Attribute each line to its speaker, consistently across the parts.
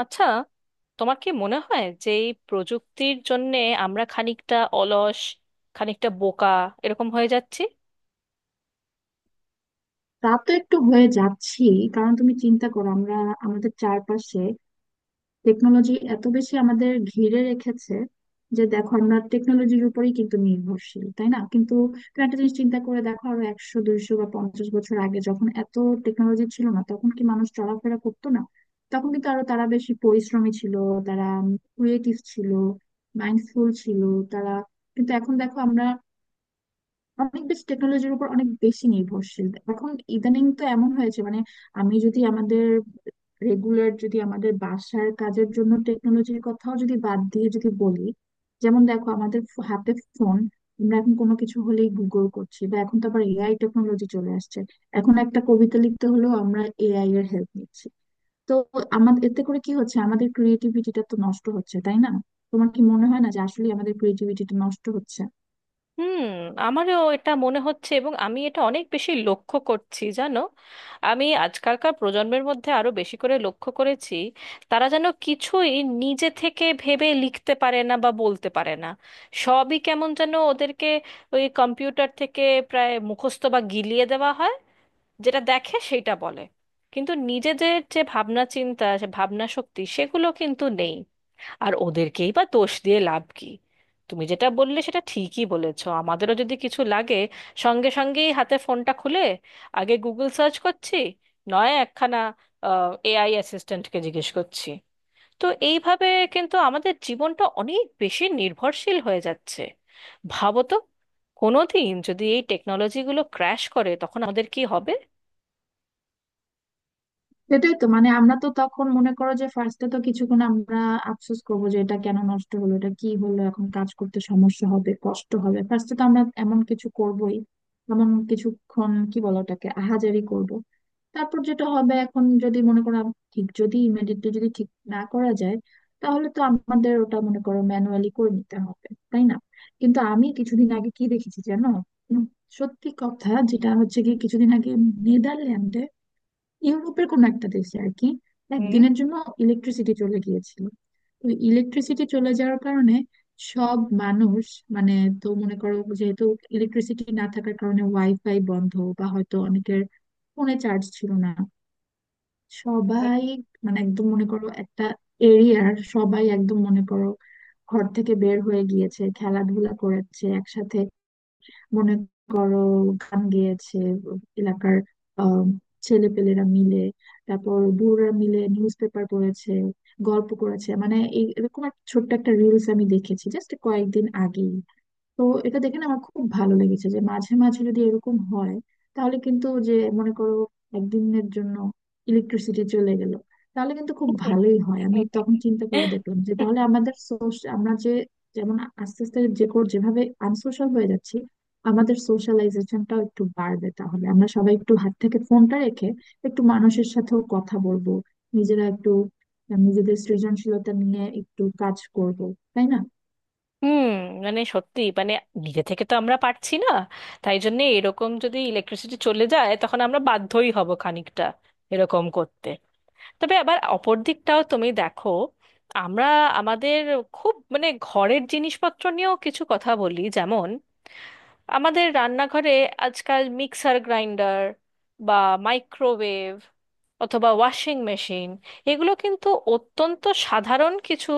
Speaker 1: আচ্ছা, তোমার কি মনে হয় যে এই প্রযুক্তির জন্যে আমরা খানিকটা অলস, খানিকটা বোকা এরকম হয়ে যাচ্ছি?
Speaker 2: তা তো একটু হয়ে যাচ্ছি। কারণ তুমি চিন্তা করো, আমরা আমাদের চারপাশে টেকনোলজি এত বেশি আমাদের ঘিরে রেখেছে যে দেখো আমরা টেকনোলজির উপরেই কিন্তু নির্ভরশীল, তাই না? কিন্তু তুমি একটা জিনিস চিন্তা করে দেখো, আরো 100 200 বা 50 বছর আগে যখন এত টেকনোলজি ছিল না, তখন কি মানুষ চলাফেরা করতো না? তখন কিন্তু আরো তারা বেশি পরিশ্রমী ছিল। তারা ক্রিয়েটিভ ছিল, মাইন্ডফুল ছিল। তারা কিন্তু এখন দেখো আমরা অনেক বেশি টেকনোলজির উপর অনেক বেশি নির্ভরশীল। এখন ইদানিং তো এমন হয়েছে, মানে আমি যদি আমাদের রেগুলার যদি আমাদের বাসার কাজের জন্য টেকনোলজির কথাও যদি বাদ দিয়ে যদি বলি, যেমন দেখো আমাদের হাতে ফোন। আমরা এখন কোনো কিছু হলেই গুগল করছি, বা এখন তো আবার এআই টেকনোলজি চলে আসছে। এখন একটা কবিতা লিখতে হলেও আমরা এআই এর হেল্প নিচ্ছি। তো আমাদের এতে করে কি হচ্ছে, আমাদের ক্রিয়েটিভিটিটা তো নষ্ট হচ্ছে, তাই না? তোমার কি মনে হয় না যে আসলে আমাদের ক্রিয়েটিভিটিটা নষ্ট হচ্ছে?
Speaker 1: হুম, আমারও এটা মনে হচ্ছে, এবং আমি এটা অনেক বেশি লক্ষ্য করছি জানো। আমি আজকালকার প্রজন্মের মধ্যে আরো বেশি করে লক্ষ্য করেছি। তারা যেন কিছুই নিজে থেকে ভেবে লিখতে পারে না বা বলতে পারে না। সবই কেমন যেন ওদেরকে ওই কম্পিউটার থেকে প্রায় মুখস্থ বা গিলিয়ে দেওয়া হয়। যেটা দেখে সেইটা বলে, কিন্তু নিজেদের যে ভাবনা চিন্তা, সে ভাবনা শক্তি সেগুলো কিন্তু নেই। আর ওদেরকেই বা দোষ দিয়ে লাভ কি? তুমি যেটা বললে সেটা ঠিকই বলেছো, আমাদেরও যদি কিছু লাগে সঙ্গে সঙ্গেই হাতে ফোনটা খুলে আগে গুগল সার্চ করছি, নয় একখানা এআই অ্যাসিস্ট্যান্টকে জিজ্ঞেস করছি। তো এইভাবে কিন্তু আমাদের জীবনটা অনেক বেশি নির্ভরশীল হয়ে যাচ্ছে। ভাবো তো, কোনোদিন যদি এই টেকনোলজিগুলো ক্র্যাশ করে তখন আমাদের কি হবে?
Speaker 2: সেটাই তো, মানে আমরা তো তখন মনে করো যে ফার্স্টে তো কিছুক্ষণ আমরা আফসোস করবো যে এটা কেন নষ্ট হলো, এটা কি হলো, এখন কাজ করতে সমস্যা হবে, কষ্ট হবে। ফার্স্টে তো আমরা এমন কিছু করবোই, এমন কিছুক্ষণ কি বলো ওটাকে, আহাজারি করব। তারপর যেটা হবে, এখন যদি মনে করো ঠিক, যদি ইমিডিয়েটলি যদি ঠিক না করা যায়, তাহলে তো আমাদের ওটা মনে করো ম্যানুয়ালি করে নিতে হবে, তাই না? কিন্তু আমি কিছুদিন আগে কি দেখেছি জানো? উম, সত্যি কথা যেটা হচ্ছে কি, কিছুদিন আগে নেদারল্যান্ডে, ইউরোপের কোনো একটা দেশে আর কি,
Speaker 1: হুম,
Speaker 2: একদিনের জন্য ইলেকট্রিসিটি চলে গিয়েছিল। তো ইলেকট্রিসিটি চলে যাওয়ার কারণে সব মানুষ, মানে, তো মনে করো, যেহেতু ইলেকট্রিসিটি না থাকার কারণে ওয়াইফাই বন্ধ, বা হয়তো অনেকের ফোনে চার্জ ছিল না, সবাই মানে একদম মনে করো একটা এরিয়ার সবাই একদম মনে করো ঘর থেকে বের হয়ে গিয়েছে, খেলাধুলা করেছে একসাথে, মনে করো গান গেয়েছে এলাকার, আহ ছেলেপেলেরা মিলে, তারপর বুড়োরা মিলে নিউজ পেপার পড়েছে, গল্প করেছে, মানে এই এরকম একটা ছোট্ট একটা রিলস আমি দেখেছি জাস্ট কয়েকদিন আগে। তো এটা দেখে না আমার খুব ভালো লেগেছে যে মাঝে মাঝে যদি এরকম হয়, তাহলে কিন্তু, যে মনে করো একদিনের জন্য ইলেকট্রিসিটি চলে গেল, তাহলে কিন্তু খুব ভালোই হয়। আমি তখন চিন্তা করে দেখলাম যে তাহলে আমাদের সোশ্যাল, আমরা যে যেমন আস্তে আস্তে যে যেভাবে আনসোশ্যাল হয়ে যাচ্ছি, আমাদের সোশ্যালাইজেশনটাও একটু বাড়বে। তাহলে আমরা সবাই একটু হাত থেকে ফোনটা রেখে একটু মানুষের সাথেও কথা বলবো, নিজেরা একটু নিজেদের সৃজনশীলতা নিয়ে একটু কাজ করব, তাই না?
Speaker 1: হুম, মানে সত্যি, মানে নিজে থেকে তো আমরা পারছি না। তাই জন্য এরকম যদি ইলেকট্রিসিটি চলে যায় তখন আমরা বাধ্যই হব খানিকটা এরকম করতে। তবে আবার অপর দিকটাও তুমি দেখো, আমরা আমাদের খুব, মানে ঘরের জিনিসপত্র নিয়েও কিছু কথা বলি। যেমন আমাদের রান্নাঘরে আজকাল মিক্সার গ্রাইন্ডার, বা মাইক্রোওয়েভ, অথবা ওয়াশিং মেশিন, এগুলো কিন্তু অত্যন্ত সাধারণ কিছু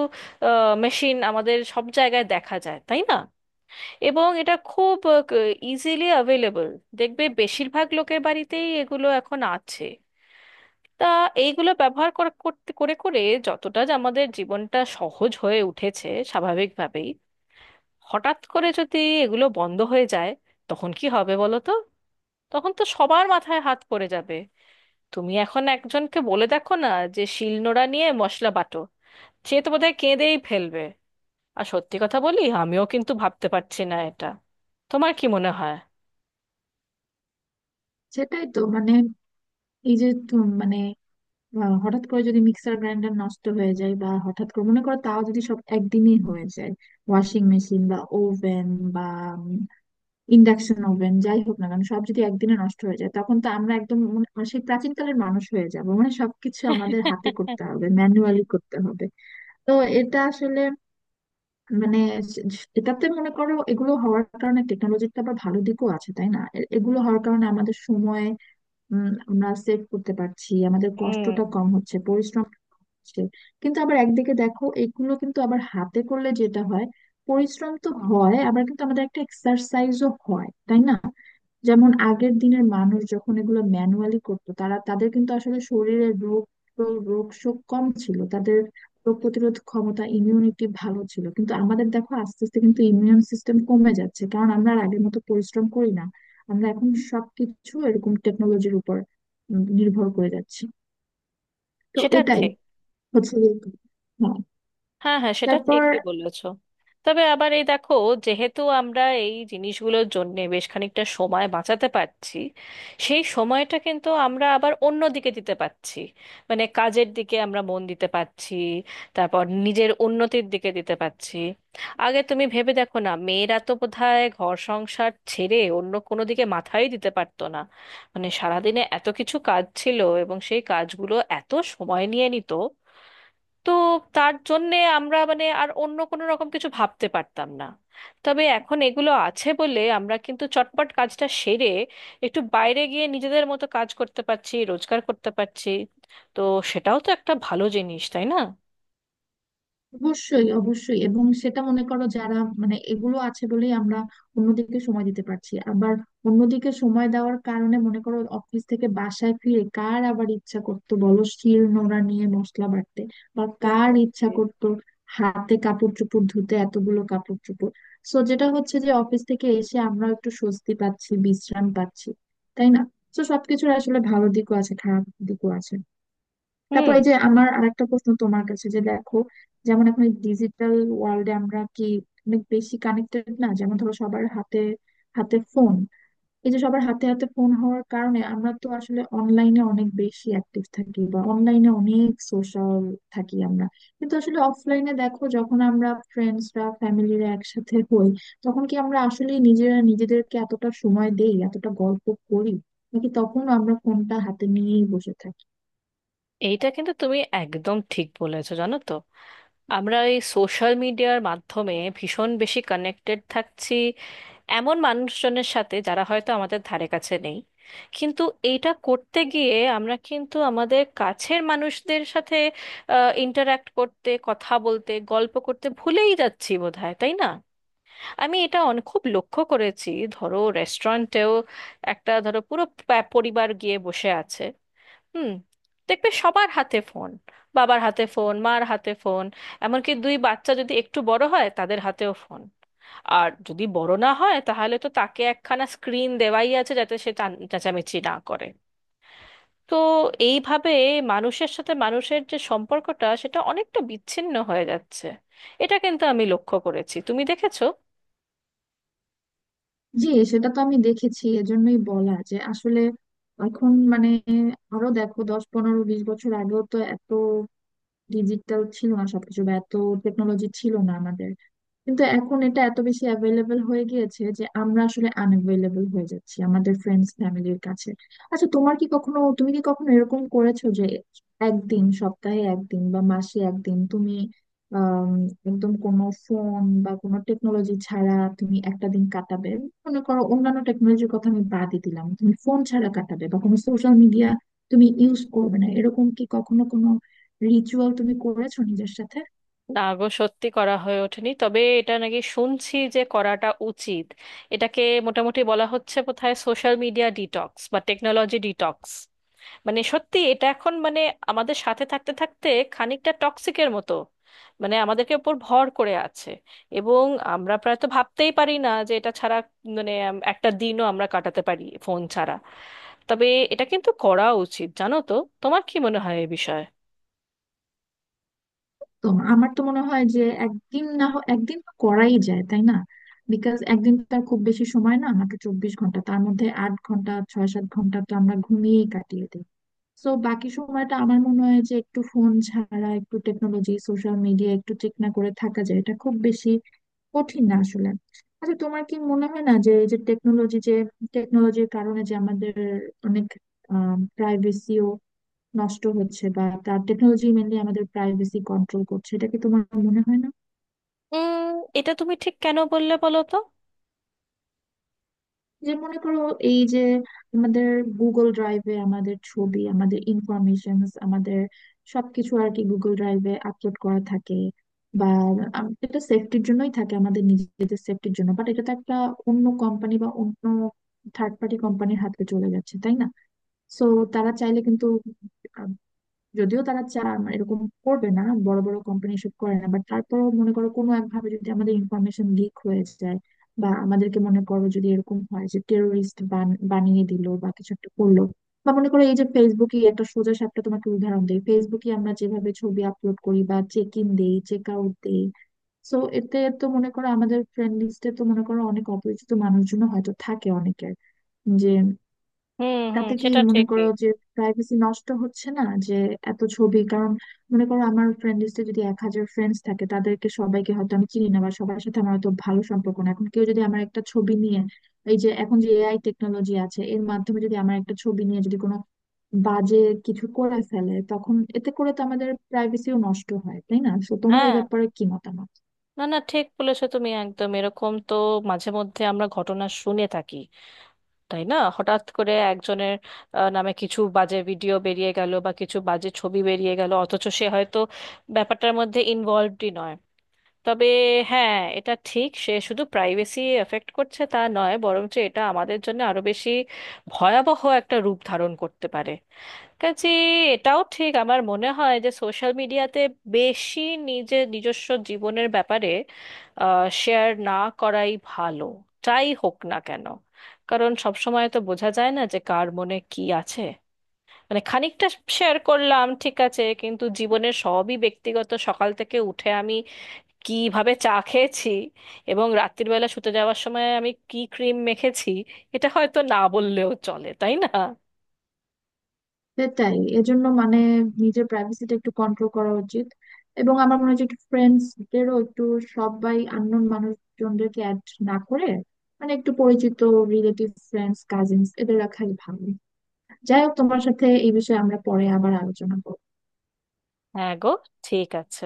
Speaker 1: মেশিন, আমাদের সব জায়গায় দেখা যায় তাই না? এবং এটা খুব ইজিলি অ্যাভেলেবল। দেখবে বেশিরভাগ লোকের বাড়িতেই এগুলো এখন আছে। তা এইগুলো ব্যবহার করতে করে করে যতটা যে আমাদের জীবনটা সহজ হয়ে উঠেছে স্বাভাবিকভাবেই, হঠাৎ করে যদি এগুলো বন্ধ হয়ে যায় তখন কি হবে বলো তো? তখন তো সবার মাথায় হাত পড়ে যাবে। তুমি এখন একজনকে বলে দেখো না যে শিলনোড়া নিয়ে মশলা বাটো, সে তো বোধহয় কেঁদেই ফেলবে। আর সত্যি কথা বলি, আমিও কিন্তু ভাবতে পারছি না এটা। তোমার কি মনে হয়?
Speaker 2: সেটাই তো, মানে এই যে মানে, হঠাৎ করে যদি মিক্সার গ্রাইন্ডার নষ্ট হয়ে যায়, বা হঠাৎ করে মনে করো তাও যদি সব একদিনই হয়ে যায়, ওয়াশিং মেশিন বা ওভেন বা ইন্ডাকশন ওভেন, যাই হোক না কেন সব যদি একদিনে নষ্ট হয়ে যায়, তখন তো আমরা একদম মানে সেই প্রাচীনকালের মানুষ হয়ে যাব, মানে সবকিছু আমাদের হাতে করতে হবে, ম্যানুয়ালি করতে হবে। তো এটা আসলে মানে, এটাতে মনে করো এগুলো হওয়ার কারণে টেকনোলজির তো আবার ভালো দিকও আছে, তাই না? এগুলো হওয়ার কারণে আমাদের সময় আমরা সেভ করতে পারছি, আমাদের
Speaker 1: হুম,
Speaker 2: কষ্টটা কম হচ্ছে, পরিশ্রম হচ্ছে। কিন্তু আবার একদিকে দেখো এগুলো কিন্তু আবার হাতে করলে যেটা হয়, পরিশ্রম তো হয় আবার, কিন্তু আমাদের একটা এক্সারসাইজও হয়, তাই না? যেমন আগের দিনের মানুষ যখন এগুলো ম্যানুয়ালি করতো, তারা, তাদের কিন্তু আসলে শরীরের রোগ রোগ শোক কম ছিল। তাদের রোগ প্রতিরোধ ক্ষমতা, ইমিউনিটি ভালো ছিল। কিন্তু আমাদের দেখো আস্তে আস্তে কিন্তু ইমিউন সিস্টেম কমে যাচ্ছে, কারণ আমরা আর আগের মতো পরিশ্রম করি না। আমরা এখন সবকিছু এরকম টেকনোলজির উপর নির্ভর করে যাচ্ছি। তো
Speaker 1: সেটা
Speaker 2: এটাই
Speaker 1: ঠিক।
Speaker 2: হচ্ছে যে- হ্যাঁ।
Speaker 1: হ্যাঁ, হ্যাঁ, সেটা
Speaker 2: তারপর
Speaker 1: ঠিকই বলেছো। তবে আবার এই দেখো, যেহেতু আমরা এই জিনিসগুলোর জন্য বেশ খানিকটা সময় বাঁচাতে পারছি, সেই সময়টা কিন্তু আমরা আবার অন্য দিকে দিতে পারছি। মানে কাজের দিকে আমরা মন দিতে পারছি, তারপর নিজের উন্নতির দিকে দিতে পারছি। আগে তুমি ভেবে দেখো না, মেয়েরা তো বোধহয় ঘর সংসার ছেড়ে অন্য কোনো দিকে মাথাই দিতে পারতো না। মানে সারাদিনে এত কিছু কাজ ছিল, এবং সেই কাজগুলো এত সময় নিয়ে নিত, তো তার জন্যে আমরা, মানে আর অন্য কোনো রকম কিছু ভাবতে পারতাম না। তবে এখন এগুলো আছে বলে আমরা কিন্তু চটপট কাজটা সেরে একটু বাইরে গিয়ে নিজেদের মতো কাজ করতে পারছি, রোজগার করতে পারছি। তো সেটাও তো একটা ভালো জিনিস তাই না?
Speaker 2: অবশ্যই অবশ্যই, এবং সেটা মনে করো, যারা মানে এগুলো আছে বলেই আমরা অন্যদিকে সময় দিতে পারছি। আবার অন্যদিকে সময় দেওয়ার কারণে মনে করো অফিস থেকে বাসায় ফিরে কার আবার ইচ্ছা করতো বলো শিল নোড়া নিয়ে মশলা বাটতে, বা কার
Speaker 1: বুঝতে
Speaker 2: ইচ্ছা
Speaker 1: পেরেছি।
Speaker 2: করতো হাতে কাপড় চোপড় ধুতে এতগুলো কাপড় চোপড়। সো যেটা হচ্ছে যে অফিস থেকে এসে আমরা একটু স্বস্তি পাচ্ছি, বিশ্রাম পাচ্ছি, তাই না? তো সবকিছুর আসলে ভালো দিকও আছে, খারাপ দিকও আছে। তারপর
Speaker 1: হুম।
Speaker 2: এই যে আমার আরেকটা প্রশ্ন তোমার কাছে, যে দেখো, যেমন এখন ডিজিটাল ওয়ার্ল্ডে আমরা কি অনেক বেশি কানেক্টেড না? যেমন ধরো সবার হাতে হাতে ফোন। এই যে সবার হাতে হাতে ফোন হওয়ার কারণে আমরা তো আসলে অনলাইনে অনেক বেশি অ্যাক্টিভ থাকি, বা অনলাইনে অনেক সোশ্যাল থাকি আমরা। কিন্তু আসলে অফলাইনে দেখো, যখন আমরা ফ্রেন্ডসরা ফ্যামিলিরা একসাথে হই, তখন কি আমরা আসলে নিজেরা নিজেদেরকে এতটা সময় দেই, এতটা গল্প করি? নাকি তখন আমরা ফোনটা হাতে নিয়েই বসে থাকি?
Speaker 1: এইটা কিন্তু তুমি একদম ঠিক বলেছো জানো তো। আমরা এই সোশ্যাল মিডিয়ার মাধ্যমে ভীষণ বেশি কানেক্টেড থাকছি এমন মানুষজনের সাথে যারা হয়তো আমাদের ধারে কাছে নেই, কিন্তু এইটা করতে গিয়ে আমরা কিন্তু আমাদের কাছের মানুষদের সাথে ইন্টারাক্ট করতে, কথা বলতে, গল্প করতে ভুলেই যাচ্ছি বোধহয় তাই না? আমি এটা অনেক খুব লক্ষ্য করেছি। ধরো রেস্টুরেন্টেও একটা, ধরো পুরো পরিবার গিয়ে বসে আছে। হুম। দেখবে সবার হাতে ফোন, বাবার হাতে ফোন, মার হাতে ফোন। এমনকি দুই বাচ্চা যদি একটু বড় হয় তাদের হাতেও ফোন। আর যদি বড় না হয় তাহলে তো তাকে একখানা স্ক্রিন দেওয়াই আছে যাতে সে চেঁচামেচি না করে। তো এইভাবে মানুষের সাথে মানুষের যে সম্পর্কটা সেটা অনেকটা বিচ্ছিন্ন হয়ে যাচ্ছে। এটা কিন্তু আমি লক্ষ্য করেছি, তুমি দেখেছো?
Speaker 2: জি। সেটা তো আমি দেখেছি, এজন্যই বলা যে আসলে এখন মানে আরো দেখো 10 15 20 বছর আগেও তো এত ডিজিটাল ছিল না সবকিছু, বা এত টেকনোলজি ছিল না আমাদের। কিন্তু এখন এটা এত বেশি অ্যাভেলেবেল হয়ে গিয়েছে যে আমরা আসলে আনঅ্যাভেলেবেল হয়ে যাচ্ছি আমাদের ফ্রেন্ডস ফ্যামিলির কাছে। আচ্ছা তোমার কি কখনো, তুমি কি কখনো এরকম করেছো যে একদিন, সপ্তাহে একদিন বা মাসে একদিন, তুমি আম, একদম কোনো ফোন বা কোনো টেকনোলজি ছাড়া তুমি একটা দিন কাটাবে? মনে করো অন্যান্য টেকনোলজির কথা আমি বাদই দিলাম, তুমি ফোন ছাড়া কাটাবে বা কোনো সোশ্যাল মিডিয়া তুমি ইউজ করবে না, এরকম কি কখনো কোনো রিচুয়াল তুমি করেছো নিজের সাথে?
Speaker 1: না গো, সত্যি করা হয়ে ওঠেনি, তবে এটা নাকি শুনছি যে করাটা উচিত। এটাকে মোটামুটি বলা হচ্ছে কোথায় সোশ্যাল মিডিয়া ডিটক্স বা টেকনোলজি ডিটক্স। মানে সত্যি এটা এখন, মানে আমাদের সাথে থাকতে থাকতে খানিকটা টক্সিকের মতো, মানে আমাদেরকে উপর ভর করে আছে। এবং আমরা প্রায় তো ভাবতেই পারি না যে এটা ছাড়া, মানে একটা দিনও আমরা কাটাতে পারি ফোন ছাড়া। তবে এটা কিন্তু করা উচিত জানো তো। তোমার কি মনে হয় এ বিষয়ে?
Speaker 2: তো আমার তো মনে হয় যে একদিন না হয় একদিন তো করাই যায়, তাই না? বিকজ একদিন তো আর খুব বেশি সময় না, মাত্র 24 ঘন্টা, তার মধ্যে 8 ঘন্টা, 6 7 ঘন্টা তো আমরা ঘুমিয়েই কাটিয়ে দিই। তো বাকি সময়টা আমার মনে হয় যে একটু ফোন ছাড়া, একটু টেকনোলজি সোশ্যাল মিডিয়া একটু চেক না করে থাকা যায়, এটা খুব বেশি কঠিন না আসলে। আচ্ছা তোমার কি মনে হয় না যে এই যে টেকনোলজি, যে টেকনোলজির কারণে যে আমাদের অনেক প্রাইভেসিও নষ্ট হচ্ছে, বা তার টেকনোলজি মেনলি আমাদের প্রাইভেসি কন্ট্রোল করছে, এটা কি তোমার মনে হয় না?
Speaker 1: উম এটা তুমি ঠিক কেন বললে বলো তো?
Speaker 2: যে মনে করো, এই যে আমাদের গুগল ড্রাইভে আমাদের ছবি, আমাদের ইনফরমেশন, আমাদের সবকিছু আর কি গুগল ড্রাইভে আপলোড করা থাকে, বা এটা সেফটির জন্যই থাকে, আমাদের নিজেদের সেফটির জন্য, বাট এটা তো একটা অন্য কোম্পানি বা অন্য থার্ড পার্টি কোম্পানির হাতে চলে যাচ্ছে, তাই না? সো তারা চাইলে কিন্তু, যদিও তারা চায়, আমার এরকম করবে না, বড় বড় কোম্পানি এসব করে না, বাট তারপরেও মনে করো কোনো একভাবে যদি আমাদের ইনফরমেশন লিক হয়ে যায়, বা আমাদেরকে মনে করো যদি এরকম হয় যে টেরোরিস্ট বানিয়ে দিল বা কিছু একটা করলো, বা মনে করো এই যে ফেসবুকে একটা সোজা সাপটা তোমাকে উদাহরণ দেই, ফেসবুকে আমরা যেভাবে ছবি আপলোড করি বা চেক ইন দেই চেক আউট দেই, সো এতে তো মনে করো আমাদের ফ্রেন্ড লিস্টে তো মনে করো অনেক অপরিচিত মানুষজন হয়তো থাকে অনেকের, যে
Speaker 1: হুম, হুম,
Speaker 2: তাতে কি
Speaker 1: সেটা
Speaker 2: মনে
Speaker 1: ঠিকই।
Speaker 2: করো যে প্রাইভেসি নষ্ট হচ্ছে না? যে এত ছবি, কারণ মনে করো আমার ফ্রেন্ড লিস্টে যদি 1,000 ফ্রেন্ডস থাকে, তাদেরকে সবাইকে হয়তো আমি চিনি না, বা সবার সাথে আমার হয়তো ভালো সম্পর্ক না, এখন কেউ যদি আমার একটা ছবি নিয়ে, এই যে এখন যে এআই টেকনোলজি আছে এর মাধ্যমে যদি আমার একটা ছবি নিয়ে যদি কোনো বাজে কিছু করে ফেলে, তখন এতে করে তো আমাদের প্রাইভেসিও নষ্ট হয়, তাই না? তো তোমার এই
Speaker 1: হ্যাঁ,
Speaker 2: ব্যাপারে কি মতামত?
Speaker 1: না না, ঠিক বলেছো তুমি, একদম এরকম তো মাঝে মধ্যে আমরা ঘটনা শুনে থাকি, তাই না? হঠাৎ করে একজনের নামে কিছু বাজে ভিডিও বেরিয়ে গেল বা কিছু বাজে ছবি বেরিয়ে গেল, অথচ সে হয়তো ব্যাপারটার মধ্যে ইনভলভডই নয়। তবে হ্যাঁ, এটা ঠিক, সে শুধু প্রাইভেসি এফেক্ট করছে তা নয়, বরঞ্চ এটা আমাদের জন্য আরো বেশি ভয়াবহ একটা রূপ ধারণ করতে পারে। কাজে এটাও ঠিক, আমার মনে হয় যে সোশ্যাল মিডিয়াতে বেশি নিজের নিজস্ব জীবনের ব্যাপারে শেয়ার না করাই ভালো, যাই হোক না কেন। কারণ সব সময় তো বোঝা যায় না যে কার মনে কি আছে। মানে খানিকটা শেয়ার করলাম ঠিক আছে, কিন্তু জীবনের সবই ব্যক্তিগত, সকাল থেকে উঠে আমি কিভাবে চা খেয়েছি এবং রাত্রির বেলা শুতে যাওয়ার সময় আমি কি ক্রিম মেখেছি, এটা হয়তো না বললেও চলে তাই না?
Speaker 2: সেটাই এজন্য মানে নিজের প্রাইভেসিটা একটু কন্ট্রোল করা উচিত, এবং আমার মনে হচ্ছে একটু ফ্রেন্ডসদেরও একটু, সবাই আননোন মানুষজনদেরকে অ্যাড না করে, মানে একটু পরিচিত রিলেটিভ ফ্রেন্ডস কাজিনস এদের রাখাই ভালো। যাই হোক, তোমার সাথে এই বিষয়ে আমরা পরে আবার আলোচনা করবো।
Speaker 1: হ্যাঁ গো, ঠিক আছে।